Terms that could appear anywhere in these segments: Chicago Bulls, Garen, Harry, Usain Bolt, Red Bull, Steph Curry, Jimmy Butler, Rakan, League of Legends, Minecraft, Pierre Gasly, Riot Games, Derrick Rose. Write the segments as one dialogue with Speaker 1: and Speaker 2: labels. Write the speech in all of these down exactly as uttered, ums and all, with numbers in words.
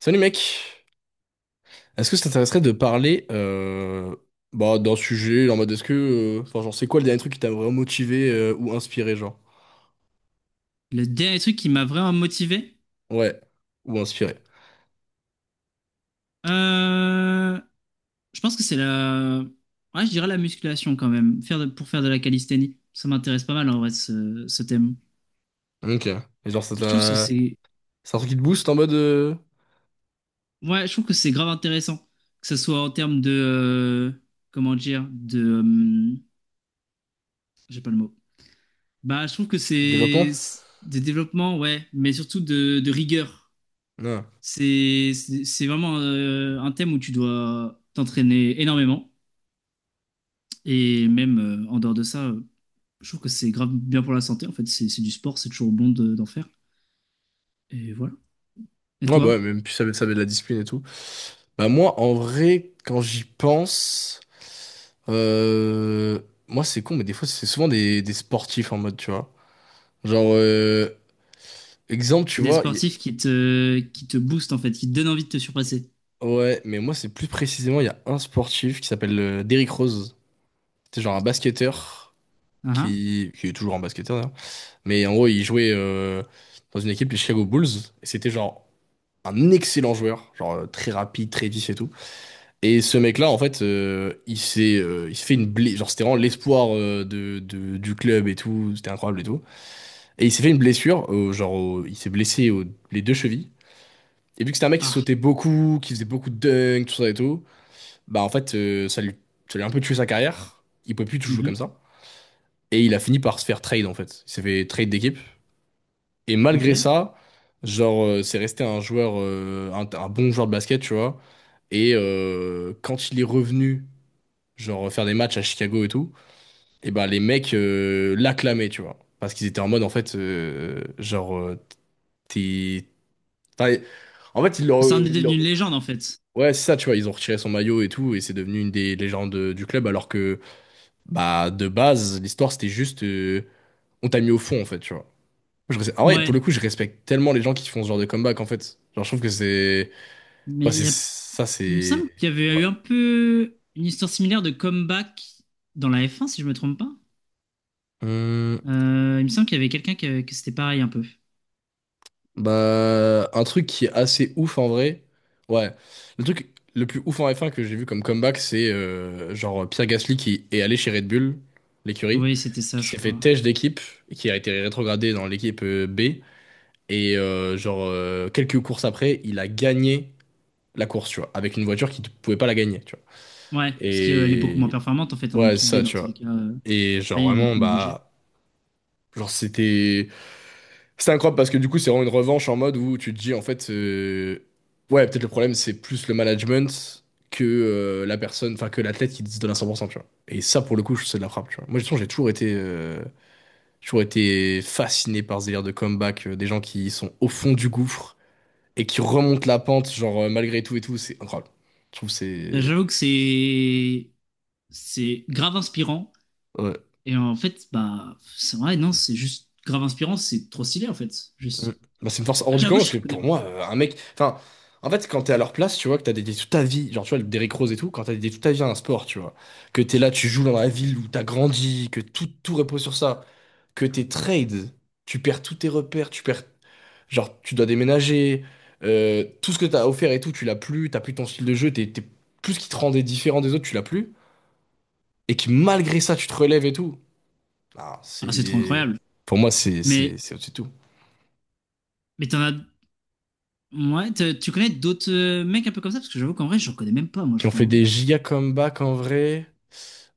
Speaker 1: Salut mec, est-ce que ça t'intéresserait de parler euh, bah, d'un sujet en mode est-ce que euh, enfin genre c'est quoi le dernier truc qui t'a vraiment motivé euh, ou inspiré genre?
Speaker 2: Le dernier truc qui m'a vraiment motivé,
Speaker 1: Ouais, ou inspiré.
Speaker 2: euh, je pense que c'est la, ouais, je dirais la musculation quand même, faire de- pour faire de la calisthénie. Ça m'intéresse pas mal en vrai ce, ce thème.
Speaker 1: Ok. Et genre ça
Speaker 2: Je trouve que
Speaker 1: t'a
Speaker 2: c'est,
Speaker 1: c'est un truc qui te booste en mode euh,
Speaker 2: ouais, je trouve que c'est grave intéressant, que ce soit en termes de, euh, comment dire, de, euh, j'ai pas le mot. Bah, je trouve que
Speaker 1: développement?
Speaker 2: c'est c'est des développements, ouais, mais surtout de, de rigueur.
Speaker 1: Non.
Speaker 2: C'est, c'est c'est vraiment euh, un thème où tu dois t'entraîner énormément et même euh, en dehors de ça. euh, Je trouve que c'est grave bien pour la santé, en fait. C'est c'est du sport, c'est toujours bon de- d'en faire. Et voilà. Et
Speaker 1: Ouais bah ouais,
Speaker 2: toi?
Speaker 1: même puis ça met, ça met de la discipline et tout. Bah moi en vrai quand j'y pense, euh, moi c'est con mais des fois c'est souvent des, des sportifs en mode tu vois. Genre euh, exemple tu
Speaker 2: C'est des
Speaker 1: vois.
Speaker 2: sportifs qui te, qui te boostent, en fait, qui te donnent envie de te surpasser.
Speaker 1: Ouais, mais moi, c'est plus précisément, il y a un sportif qui s'appelle euh, Derrick Rose. C'est genre un basketteur
Speaker 2: Ah ah.
Speaker 1: qui, qui est toujours un basketteur d'ailleurs. Mais en gros, il jouait euh, dans une équipe, les Chicago Bulls. Et c'était genre un excellent joueur, genre euh, très rapide, très vif et tout. Et ce mec-là, en fait, euh, il s'est euh, il s'est fait une blessure. Genre, c'était vraiment l'espoir euh, de, de- du club et tout. C'était incroyable et tout. Et il s'est fait une blessure, euh, genre, au- il s'est blessé aux les deux chevilles. Et vu que c'était un mec qui
Speaker 2: Ah.
Speaker 1: sautait beaucoup, qui faisait beaucoup de dunks, tout ça et tout. Bah en fait, euh, ça lui, ça lui a un peu tué sa carrière. Il pouvait plus tout jouer
Speaker 2: Mhm.
Speaker 1: comme ça. Et il a fini par se faire trade en fait. Il s'est fait trade d'équipe. Et
Speaker 2: Ok.
Speaker 1: malgré ça, genre, euh, c'est resté un joueur, euh, un, un bon joueur de basket, tu vois. Et euh, quand il est revenu, genre, faire des matchs à Chicago et tout, et bah les mecs euh, l'acclamaient, tu vois. Parce qu'ils étaient en mode, en fait, euh, genre, euh, t'es. Enfin, en fait, ils
Speaker 2: Ah,
Speaker 1: l'ont.
Speaker 2: ça en est
Speaker 1: Ils
Speaker 2: devenu
Speaker 1: l'ont-
Speaker 2: une légende, en fait.
Speaker 1: Ouais, c'est ça, tu vois, ils ont retiré son maillot et tout, et c'est devenu une des légendes du club, alors que. Bah, de base, l'histoire, c'était juste. euh, on t'a mis au fond, en fait, tu vois. Je res- ah ouais,
Speaker 2: Ouais.
Speaker 1: pour le coup, je respecte tellement les gens qui font ce genre de comeback, en fait. Genre, je trouve que c'est.
Speaker 2: Mais
Speaker 1: Ouais,
Speaker 2: il
Speaker 1: c'est.
Speaker 2: y a...
Speaker 1: Ça,
Speaker 2: il me semble
Speaker 1: c'est
Speaker 2: qu'il y avait eu
Speaker 1: incroyable.
Speaker 2: un peu une histoire similaire de comeback dans la f un si je me trompe pas.
Speaker 1: Hum,
Speaker 2: Euh, il me semble qu'il y avait quelqu'un qui que c'était pareil, un peu.
Speaker 1: bah, un truc qui est assez ouf en vrai. Ouais. Le truc le plus ouf en F un que j'ai vu comme comeback, c'est euh, genre Pierre Gasly qui est allé chez Red Bull, l'écurie,
Speaker 2: Oui, c'était ça,
Speaker 1: qui s'est
Speaker 2: je
Speaker 1: fait
Speaker 2: crois.
Speaker 1: têche d'équipe, qui a été rétrogradé dans l'équipe euh, B. Et euh, genre, euh, quelques courses après, il a gagné la course, tu vois, avec une voiture qui ne pouvait pas la gagner, tu vois.
Speaker 2: Ouais, parce qu'elle est beaucoup moins
Speaker 1: Et
Speaker 2: performante, en fait, en
Speaker 1: ouais,
Speaker 2: équipe B,
Speaker 1: ça,
Speaker 2: dans
Speaker 1: tu
Speaker 2: tous les
Speaker 1: vois.
Speaker 2: cas. euh,
Speaker 1: Et genre
Speaker 2: Oui, ils mettent
Speaker 1: vraiment,
Speaker 2: moins de budget.
Speaker 1: bah, genre c'était c'était incroyable parce que du coup, c'est vraiment une revanche en mode où tu te dis en fait, euh, ouais, peut-être le problème c'est plus le management que euh, la personne, enfin que l'athlète qui se donne à cent pour cent, tu vois. Et ça, pour le coup, je- c'est de la frappe, tu vois. Moi, de toute façon, j'ai toujours été, euh, j'ai toujours été fasciné par ce délire de comeback, euh, des gens qui sont au fond du gouffre et qui remontent la pente, genre euh, malgré tout et tout, c'est incroyable. Je trouve que
Speaker 2: Bah,
Speaker 1: c'est
Speaker 2: j'avoue que c'est c'est grave inspirant.
Speaker 1: ouais.
Speaker 2: Et en fait, bah, c'est vrai, non, c'est juste grave inspirant, c'est trop stylé en fait.
Speaker 1: Mm.
Speaker 2: Juste.
Speaker 1: Bah, c'est une force
Speaker 2: Après,
Speaker 1: hors du
Speaker 2: j'avoue,
Speaker 1: commun parce
Speaker 2: je
Speaker 1: que
Speaker 2: connais.
Speaker 1: pour moi, euh, un mec. Enfin, en fait, quand t'es à leur place, tu vois, que t'as dédié toute ta vie, genre tu vois, le Derrick Rose et tout, quand t'as dédié toute ta vie à un sport, tu vois, que t'es là, tu joues dans la ville où t'as grandi, que tout, tout repose sur ça, que t'es trade, tu perds tous tes repères, tu perds. Genre, tu dois déménager, euh, tout ce que t'as offert et tout, tu l'as plus, t'as plus ton style de jeu, t'es, t'es- tout ce qui te rendait différent des autres, tu l'as plus, et que malgré ça, tu te relèves et tout. Ah,
Speaker 2: Ah, c'est trop
Speaker 1: c'est.
Speaker 2: incroyable.
Speaker 1: Pour moi, c'est
Speaker 2: Mais,
Speaker 1: c'est- c'est au-dessus de tout.
Speaker 2: mais t'en as. Ouais, t'as- tu connais d'autres euh, mecs un peu comme ça? Parce que j'avoue qu'en vrai, j'en connais même pas, moi,
Speaker 1: Qui
Speaker 2: je
Speaker 1: ont
Speaker 2: crois,
Speaker 1: fait
Speaker 2: hein.
Speaker 1: des giga comebacks en vrai.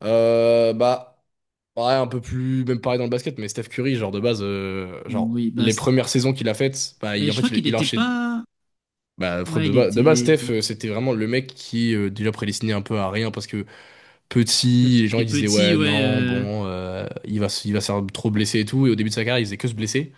Speaker 1: Euh, bah, pareil, un peu plus, même pareil dans le basket, mais Steph Curry, genre de base, euh, genre
Speaker 2: Oui, bah,
Speaker 1: les
Speaker 2: c'est-
Speaker 1: premières saisons qu'il a faites, bah,
Speaker 2: bah,
Speaker 1: il, en
Speaker 2: je
Speaker 1: fait,
Speaker 2: crois
Speaker 1: il,
Speaker 2: qu'il
Speaker 1: il a
Speaker 2: était
Speaker 1: enchaîné.
Speaker 2: pas.
Speaker 1: Bah, fr-
Speaker 2: Ouais,
Speaker 1: de,
Speaker 2: il
Speaker 1: ba- de base, Steph,
Speaker 2: était.
Speaker 1: euh, c'était vraiment le mec qui euh, déjà prédestinait un peu à rien parce que
Speaker 2: Parce
Speaker 1: petit, les gens
Speaker 2: qu'il est
Speaker 1: ils disaient
Speaker 2: petit,
Speaker 1: ouais,
Speaker 2: ouais.
Speaker 1: non,
Speaker 2: euh,
Speaker 1: bon, euh, il va, se- il va se faire trop blesser et tout. Et au début de sa carrière, il faisait que se blesser.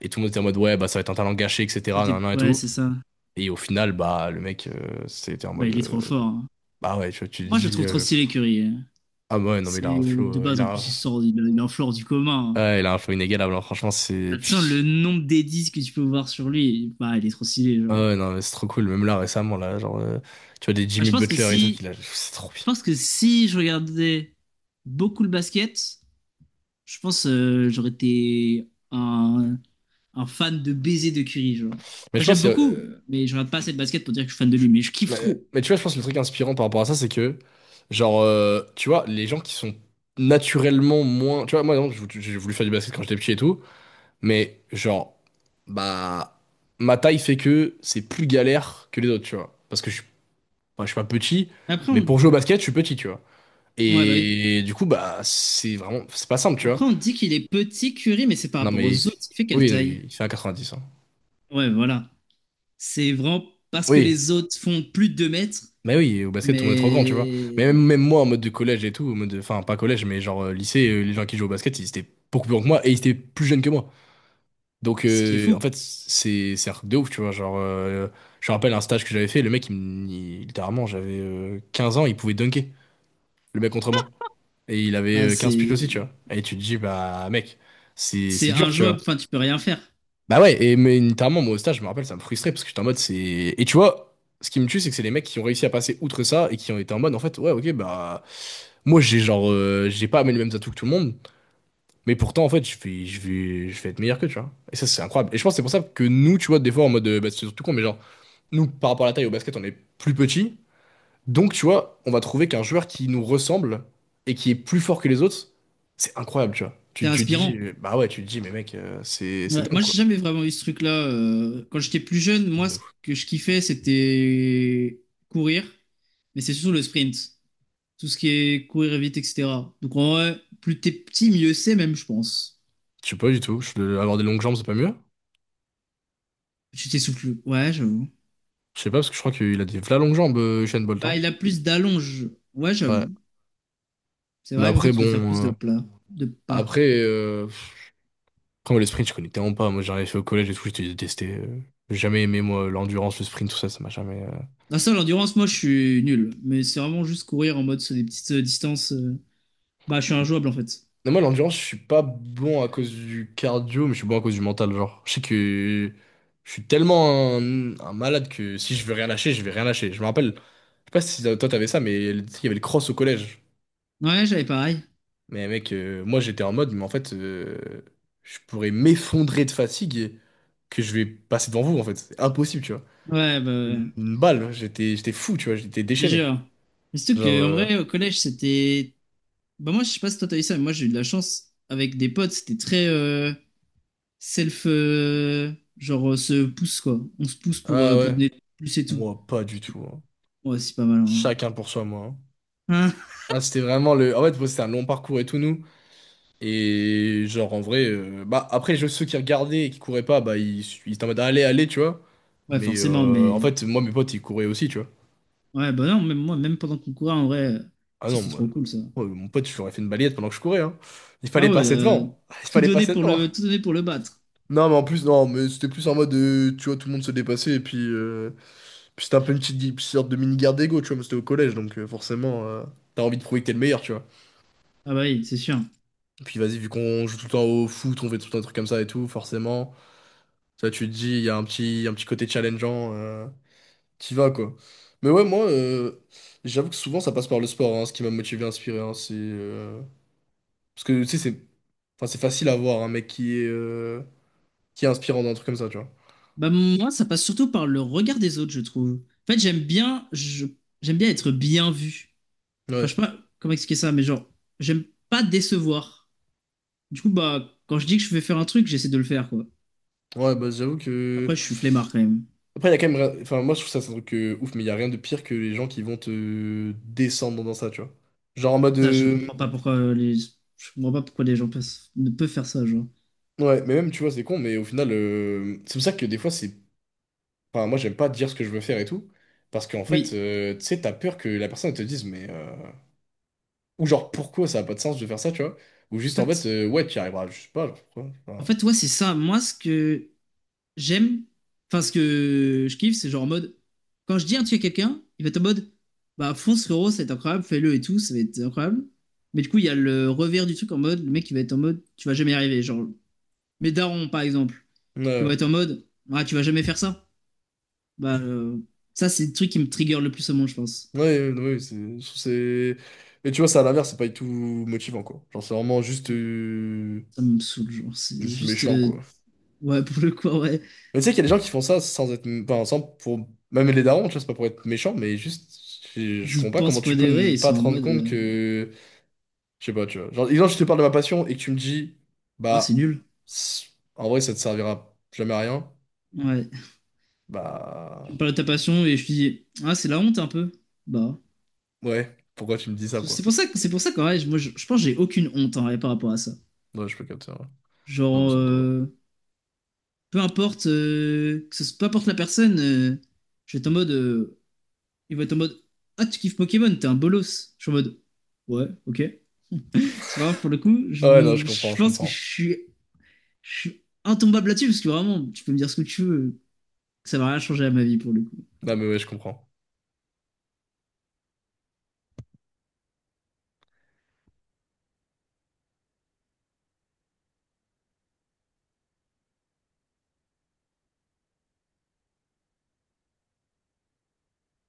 Speaker 1: Et tout le monde était en mode ouais, bah, ça va être un talent gâché, et cætera
Speaker 2: C'était.
Speaker 1: nan, nan, et
Speaker 2: Ouais,
Speaker 1: tout.
Speaker 2: c'est ça.
Speaker 1: Et au final, bah, le mec, euh, c'était en
Speaker 2: Bah,
Speaker 1: mode
Speaker 2: il est trop
Speaker 1: euh,
Speaker 2: fort, hein.
Speaker 1: bah ouais, tu, tu te
Speaker 2: Moi, je le
Speaker 1: dis
Speaker 2: trouve trop
Speaker 1: euh,
Speaker 2: stylé, Curry, hein.
Speaker 1: ah ouais, non, mais il
Speaker 2: C'est
Speaker 1: a un
Speaker 2: de
Speaker 1: flow, euh,
Speaker 2: base,
Speaker 1: il
Speaker 2: en
Speaker 1: a un.
Speaker 2: plus, il sort, il a il a un floor du commun, hein.
Speaker 1: Ouais, il a un flow inégalable, hein. Franchement, c'est...
Speaker 2: Bah, de toute façon, le
Speaker 1: Puis...
Speaker 2: nombre d'Edis que tu peux voir sur lui, bah, il est trop stylé,
Speaker 1: Ah
Speaker 2: genre.
Speaker 1: ouais, non, mais c'est trop cool. Même là, récemment, là, genre... euh, tu vois, des
Speaker 2: Bah,
Speaker 1: Jimmy
Speaker 2: je pense que
Speaker 1: Butler et tout,
Speaker 2: si,
Speaker 1: qu'il a... C'est trop
Speaker 2: je
Speaker 1: bien.
Speaker 2: pense que si je regardais beaucoup le basket, je pense euh, j'aurais été un, un fan de baiser de Curry, genre.
Speaker 1: Mais
Speaker 2: Bah,
Speaker 1: je
Speaker 2: j'aime
Speaker 1: pense... qu'il y a- euh,
Speaker 2: beaucoup, mais je regarde pas assez de basket pour dire que je suis fan de lui, mais je kiffe
Speaker 1: Mais,
Speaker 2: trop.
Speaker 1: mais tu vois, je pense que le truc inspirant par rapport à ça, c'est que... Genre, euh, tu vois, les gens qui sont naturellement moins... Tu vois, moi, non, j'ai voulu j'ai voulu faire du basket quand j'étais petit et tout. Mais, genre... Bah... Ma taille fait que c'est plus galère que les autres, tu vois. Parce que je suis, enfin, je suis pas petit,
Speaker 2: Après,
Speaker 1: mais
Speaker 2: on...
Speaker 1: pour jouer au basket, je suis petit, tu vois.
Speaker 2: ouais, bah oui.
Speaker 1: Et du coup, bah, c'est vraiment... C'est pas simple, tu vois.
Speaker 2: Après, on dit qu'il est petit Curry, mais c'est par
Speaker 1: Non,
Speaker 2: rapport
Speaker 1: mais il-
Speaker 2: aux autres. Il fait quelle
Speaker 1: oui, oui,
Speaker 2: taille?
Speaker 1: il fait un 90. Hein.
Speaker 2: Ouais, voilà. C'est vraiment parce que
Speaker 1: Oui,
Speaker 2: les autres font plus de deux mètres,
Speaker 1: mais oui, au basket, tout le monde est trop grand, tu vois. Mais même,
Speaker 2: mais
Speaker 1: même moi, en mode de collège et tout, en mode de- enfin, pas collège, mais genre euh, lycée, euh, les gens qui jouent au basket, ils étaient beaucoup plus grands que moi et ils étaient plus jeunes que moi. Donc,
Speaker 2: ce qui est
Speaker 1: euh, en
Speaker 2: fou.
Speaker 1: fait, c'est c'est un truc de ouf, tu vois. Genre, euh, je me rappelle un stage que j'avais fait, le mec, il, me- il- littéralement, j'avais euh, quinze ans, il pouvait dunker, le mec contre moi. Et il avait
Speaker 2: Ah,
Speaker 1: euh, quinze piges
Speaker 2: c'est
Speaker 1: aussi, tu vois. Et tu te dis, bah, mec, c'est
Speaker 2: c'est
Speaker 1: c'est dur, tu vois.
Speaker 2: injouable, enfin, tu peux rien faire.
Speaker 1: Bah ouais, et mais notamment moi au stage, je me rappelle, ça me frustrait parce que j'étais en mode c'est. Et tu vois, ce qui me tue, c'est que c'est les mecs qui ont réussi à passer outre ça et qui ont été en mode en fait, ouais, ok, bah. Moi j'ai genre. euh, j'ai pas amené les mêmes atouts que tout le monde, mais pourtant en fait, je vais, je vais, je vais être meilleur que, tu vois. Et ça, c'est incroyable. Et je pense que c'est pour ça que nous, tu vois, des fois en mode. euh, Bah, c'est surtout con, mais genre, nous par rapport à la taille au basket, on est plus petit. Donc tu vois, on va trouver qu'un joueur qui nous ressemble et qui est plus fort que les autres, c'est incroyable, tu vois.
Speaker 2: T'es
Speaker 1: Tu, tu te dis,
Speaker 2: inspirant.
Speaker 1: euh, bah ouais, tu te dis, mais mec, euh, c'est c'est
Speaker 2: Ouais,
Speaker 1: dingue
Speaker 2: moi,
Speaker 1: quoi.
Speaker 2: j'ai jamais vraiment eu ce truc-là. euh, Quand j'étais plus jeune, moi,
Speaker 1: De
Speaker 2: ce que je kiffais, c'était courir, mais c'est surtout le sprint. Tout ce qui est courir vite, et cetera. Donc, en vrai, plus t'es petit, mieux c'est, même, je pense.
Speaker 1: je sais pas du tout. Je- Avoir des longues jambes, c'est pas mieux?
Speaker 2: Tu t'essouffles. Ouais, j'avoue.
Speaker 1: Je sais pas, parce que je crois qu'il a des v'là longues jambes, euh, Usain Bolt.
Speaker 2: Bah,
Speaker 1: Hein.
Speaker 2: il a plus d'allonge. Ouais,
Speaker 1: Ouais.
Speaker 2: j'avoue. C'est
Speaker 1: Mais
Speaker 2: vrai qu'en fait,
Speaker 1: après,
Speaker 2: tu dois faire plus
Speaker 1: bon.
Speaker 2: de
Speaker 1: euh,
Speaker 2: plats, de pas.
Speaker 1: Après, euh, après, moi, les sprints, je connais tellement pas. Moi, j'en ai fait au collège et tout, j'ai détesté. euh, J'ai jamais aimé, moi, l'endurance, le sprint, tout ça, ça m'a jamais. Euh.
Speaker 2: Ah ça, l'endurance, moi, je suis nul. Mais c'est vraiment juste courir en mode sur des petites euh, distances. euh, Bah, je suis injouable, en fait.
Speaker 1: Mais moi, l'endurance, je suis pas bon à cause du cardio, mais je suis bon à cause du mental. Genre, je sais que je suis tellement un, un malade que si je veux rien lâcher, je vais rien lâcher. Je me rappelle, je sais pas si toi t'avais ça, mais il y avait le cross au collège.
Speaker 2: Ouais, j'avais pareil.
Speaker 1: Mais mec, euh, moi j'étais en mode, mais en fait, euh, je pourrais m'effondrer de fatigue et que je vais passer devant vous, en fait. C'est impossible, tu vois.
Speaker 2: Ouais, bah, ouais.
Speaker 1: Une, une balle, j'étais, j'étais fou, tu vois, j'étais
Speaker 2: Je
Speaker 1: déchaîné.
Speaker 2: jure. Mais surtout
Speaker 1: Genre,
Speaker 2: que, en
Speaker 1: euh,
Speaker 2: vrai, au collège, c'était... Bah, moi, je sais pas si toi, t'as eu ça, mais moi, j'ai eu de la chance. Avec des potes, c'était très euh, self... euh, genre, euh, se pousse, quoi. On se pousse pour,
Speaker 1: ah
Speaker 2: euh, pour
Speaker 1: ouais,
Speaker 2: donner plus et tout.
Speaker 1: moi pas du tout. Hein.
Speaker 2: Ouais, c'est pas mal, en vrai.
Speaker 1: Chacun pour soi, moi. Hein.
Speaker 2: Hein.
Speaker 1: Ah, c'était vraiment le. En fait, bon, c'était un long parcours et tout, nous. Et genre, en vrai, euh, bah après, je- ceux qui regardaient et qui couraient pas, bah ils, ils étaient en mode, allez, allez, tu vois.
Speaker 2: Ouais,
Speaker 1: Mais
Speaker 2: forcément,
Speaker 1: euh, en
Speaker 2: mais...
Speaker 1: fait, moi, mes potes, ils couraient aussi, tu vois.
Speaker 2: ouais, bah non, même moi, même pendant qu'on courait, en vrai, euh,
Speaker 1: Ah
Speaker 2: ça
Speaker 1: non,
Speaker 2: c'est
Speaker 1: moi,
Speaker 2: trop cool ça.
Speaker 1: moi, mon pote, je lui aurais fait une balayette pendant que je courais, hein. Il fallait
Speaker 2: Ah ouais,
Speaker 1: passer
Speaker 2: euh,
Speaker 1: devant. Il
Speaker 2: tout
Speaker 1: fallait
Speaker 2: donner
Speaker 1: passer
Speaker 2: pour
Speaker 1: devant.
Speaker 2: le, tout donner pour le battre.
Speaker 1: Non, mais en plus, non, mais c'était plus en mode, euh, tu vois, tout le monde se dépassait, et puis, euh, puis c'était un peu une petite, gui- sorte de mini-guerre d'ego, tu vois, mais c'était au collège, donc euh, forcément, euh, t'as envie de prouver que t'es le meilleur, tu vois.
Speaker 2: Ah bah oui, c'est sûr.
Speaker 1: Et puis vas-y, vu qu'on joue tout le temps au foot, on fait tout le temps des trucs comme ça et tout, forcément, ça, tu te dis, il y a un petit, un petit côté challengeant, euh, qui va, quoi. Mais ouais, moi, euh, j'avoue que souvent, ça passe par le sport, hein, ce qui m'a motivé, inspiré, hein, c'est... euh, parce que, tu sais, c'est enfin, c'est facile à voir un mec qui est, euh, qui est inspirant dans un truc comme ça, tu vois.
Speaker 2: Bah moi, ça passe surtout par le regard des autres, je trouve. En fait, j'aime bien, je, j'aime bien être bien vu. Enfin,
Speaker 1: Ouais.
Speaker 2: je sais pas comment expliquer ça, mais genre, j'aime pas décevoir. Du coup, bah, quand je dis que je vais faire un truc, j'essaie de le faire, quoi.
Speaker 1: Ouais, bah j'avoue que.
Speaker 2: Après, je suis flemmard quand même.
Speaker 1: Après, il y a quand même. rien- Enfin, moi, je trouve ça, c'est un truc euh, ouf, mais il n'y a rien de pire que les gens qui vont te descendre dans ça, tu vois. Genre en mode.
Speaker 2: Ça, je
Speaker 1: euh,
Speaker 2: comprends pas pourquoi euh, les, je comprends pas pourquoi les gens peuvent- ne peuvent faire ça, genre.
Speaker 1: Ouais, mais même, tu vois, c'est con, mais au final, euh, c'est pour ça que des fois, c'est. Enfin, moi, j'aime pas dire ce que je veux faire et tout. Parce qu'en fait,
Speaker 2: Oui.
Speaker 1: euh, tu sais, t'as peur que la personne elle te dise, mais. euh, Ou genre, pourquoi ça a pas de sens de faire ça, tu vois? Ou juste
Speaker 2: En
Speaker 1: en fait,
Speaker 2: fait,
Speaker 1: euh, ouais, tu y arriveras, je sais pas, genre, pourquoi.
Speaker 2: en
Speaker 1: Enfin,
Speaker 2: fait, ouais, c'est ça. Moi, ce que j'aime. Enfin, ce que je kiffe, c'est genre en mode. Quand je dis un truc à quelqu'un, il va être en mode. Bah, fonce, frérot, ça va être incroyable, fais-le et tout, ça va être incroyable. Mais du coup, il y a le revers du truc en mode. Le mec, il va être en mode. Tu vas jamais y arriver. Genre, mes darons, par exemple, qui vont
Speaker 1: ouais.
Speaker 2: être en mode. Ah, tu vas jamais faire ça. Bah, euh, ça, c'est le truc qui me trigger le plus au monde, je pense.
Speaker 1: Ouais, ouais, ouais, ouais, c'est, je trouve c'est... Et tu vois, ça à l'inverse, c'est pas du tout motivant, quoi. Genre, c'est vraiment juste,
Speaker 2: Oui.
Speaker 1: euh,
Speaker 2: Ça me saoule, genre. C'est
Speaker 1: juste
Speaker 2: juste.
Speaker 1: méchant,
Speaker 2: euh,
Speaker 1: quoi.
Speaker 2: Ouais, pour le coup, ouais.
Speaker 1: Mais tu sais qu'il y a des gens qui font ça sans être... Enfin, sans... Pour... Même les darons, tu vois, c'est pas pour être méchant, mais juste... Je, je
Speaker 2: Ils y
Speaker 1: comprends pas comment
Speaker 2: pensent
Speaker 1: tu
Speaker 2: pour
Speaker 1: peux
Speaker 2: de
Speaker 1: ne
Speaker 2: vrai, ils
Speaker 1: pas
Speaker 2: sont
Speaker 1: te
Speaker 2: en
Speaker 1: rendre
Speaker 2: mode.
Speaker 1: compte
Speaker 2: euh,
Speaker 1: que... Je sais pas, tu vois. Genre, exemple, je te parle de ma passion et que tu me dis...
Speaker 2: Ah, c'est
Speaker 1: Bah...
Speaker 2: nul.
Speaker 1: c'est- En vrai, ça te servira jamais à rien.
Speaker 2: Ouais. Tu me
Speaker 1: Bah...
Speaker 2: parles de ta passion et je te dis. Ah, c'est la honte un peu. Bah.
Speaker 1: Ouais, pourquoi tu me dis ça,
Speaker 2: C'est
Speaker 1: quoi?
Speaker 2: pour ça que c'est pour ça que ouais, moi je, je pense que j'ai aucune honte en vrai, par rapport à ça.
Speaker 1: Ouais, je peux capter, ouais. Non, mais
Speaker 2: Genre
Speaker 1: ça me tombe bien.
Speaker 2: euh, peu importe euh, que ce, peu importe la personne, euh, je vais être en mode euh, il va être en mode ah tu kiffes Pokémon, t'es un bolos. Je suis en mode ouais, OK. C'est vraiment pour le coup, je,
Speaker 1: Ah ouais, non, je comprends,
Speaker 2: je
Speaker 1: je
Speaker 2: pense que je
Speaker 1: comprends.
Speaker 2: suis je suis intombable là-dessus parce que vraiment tu peux me dire ce que tu veux, que ça va rien changer à ma vie pour le coup.
Speaker 1: Non, mais ouais, je comprends.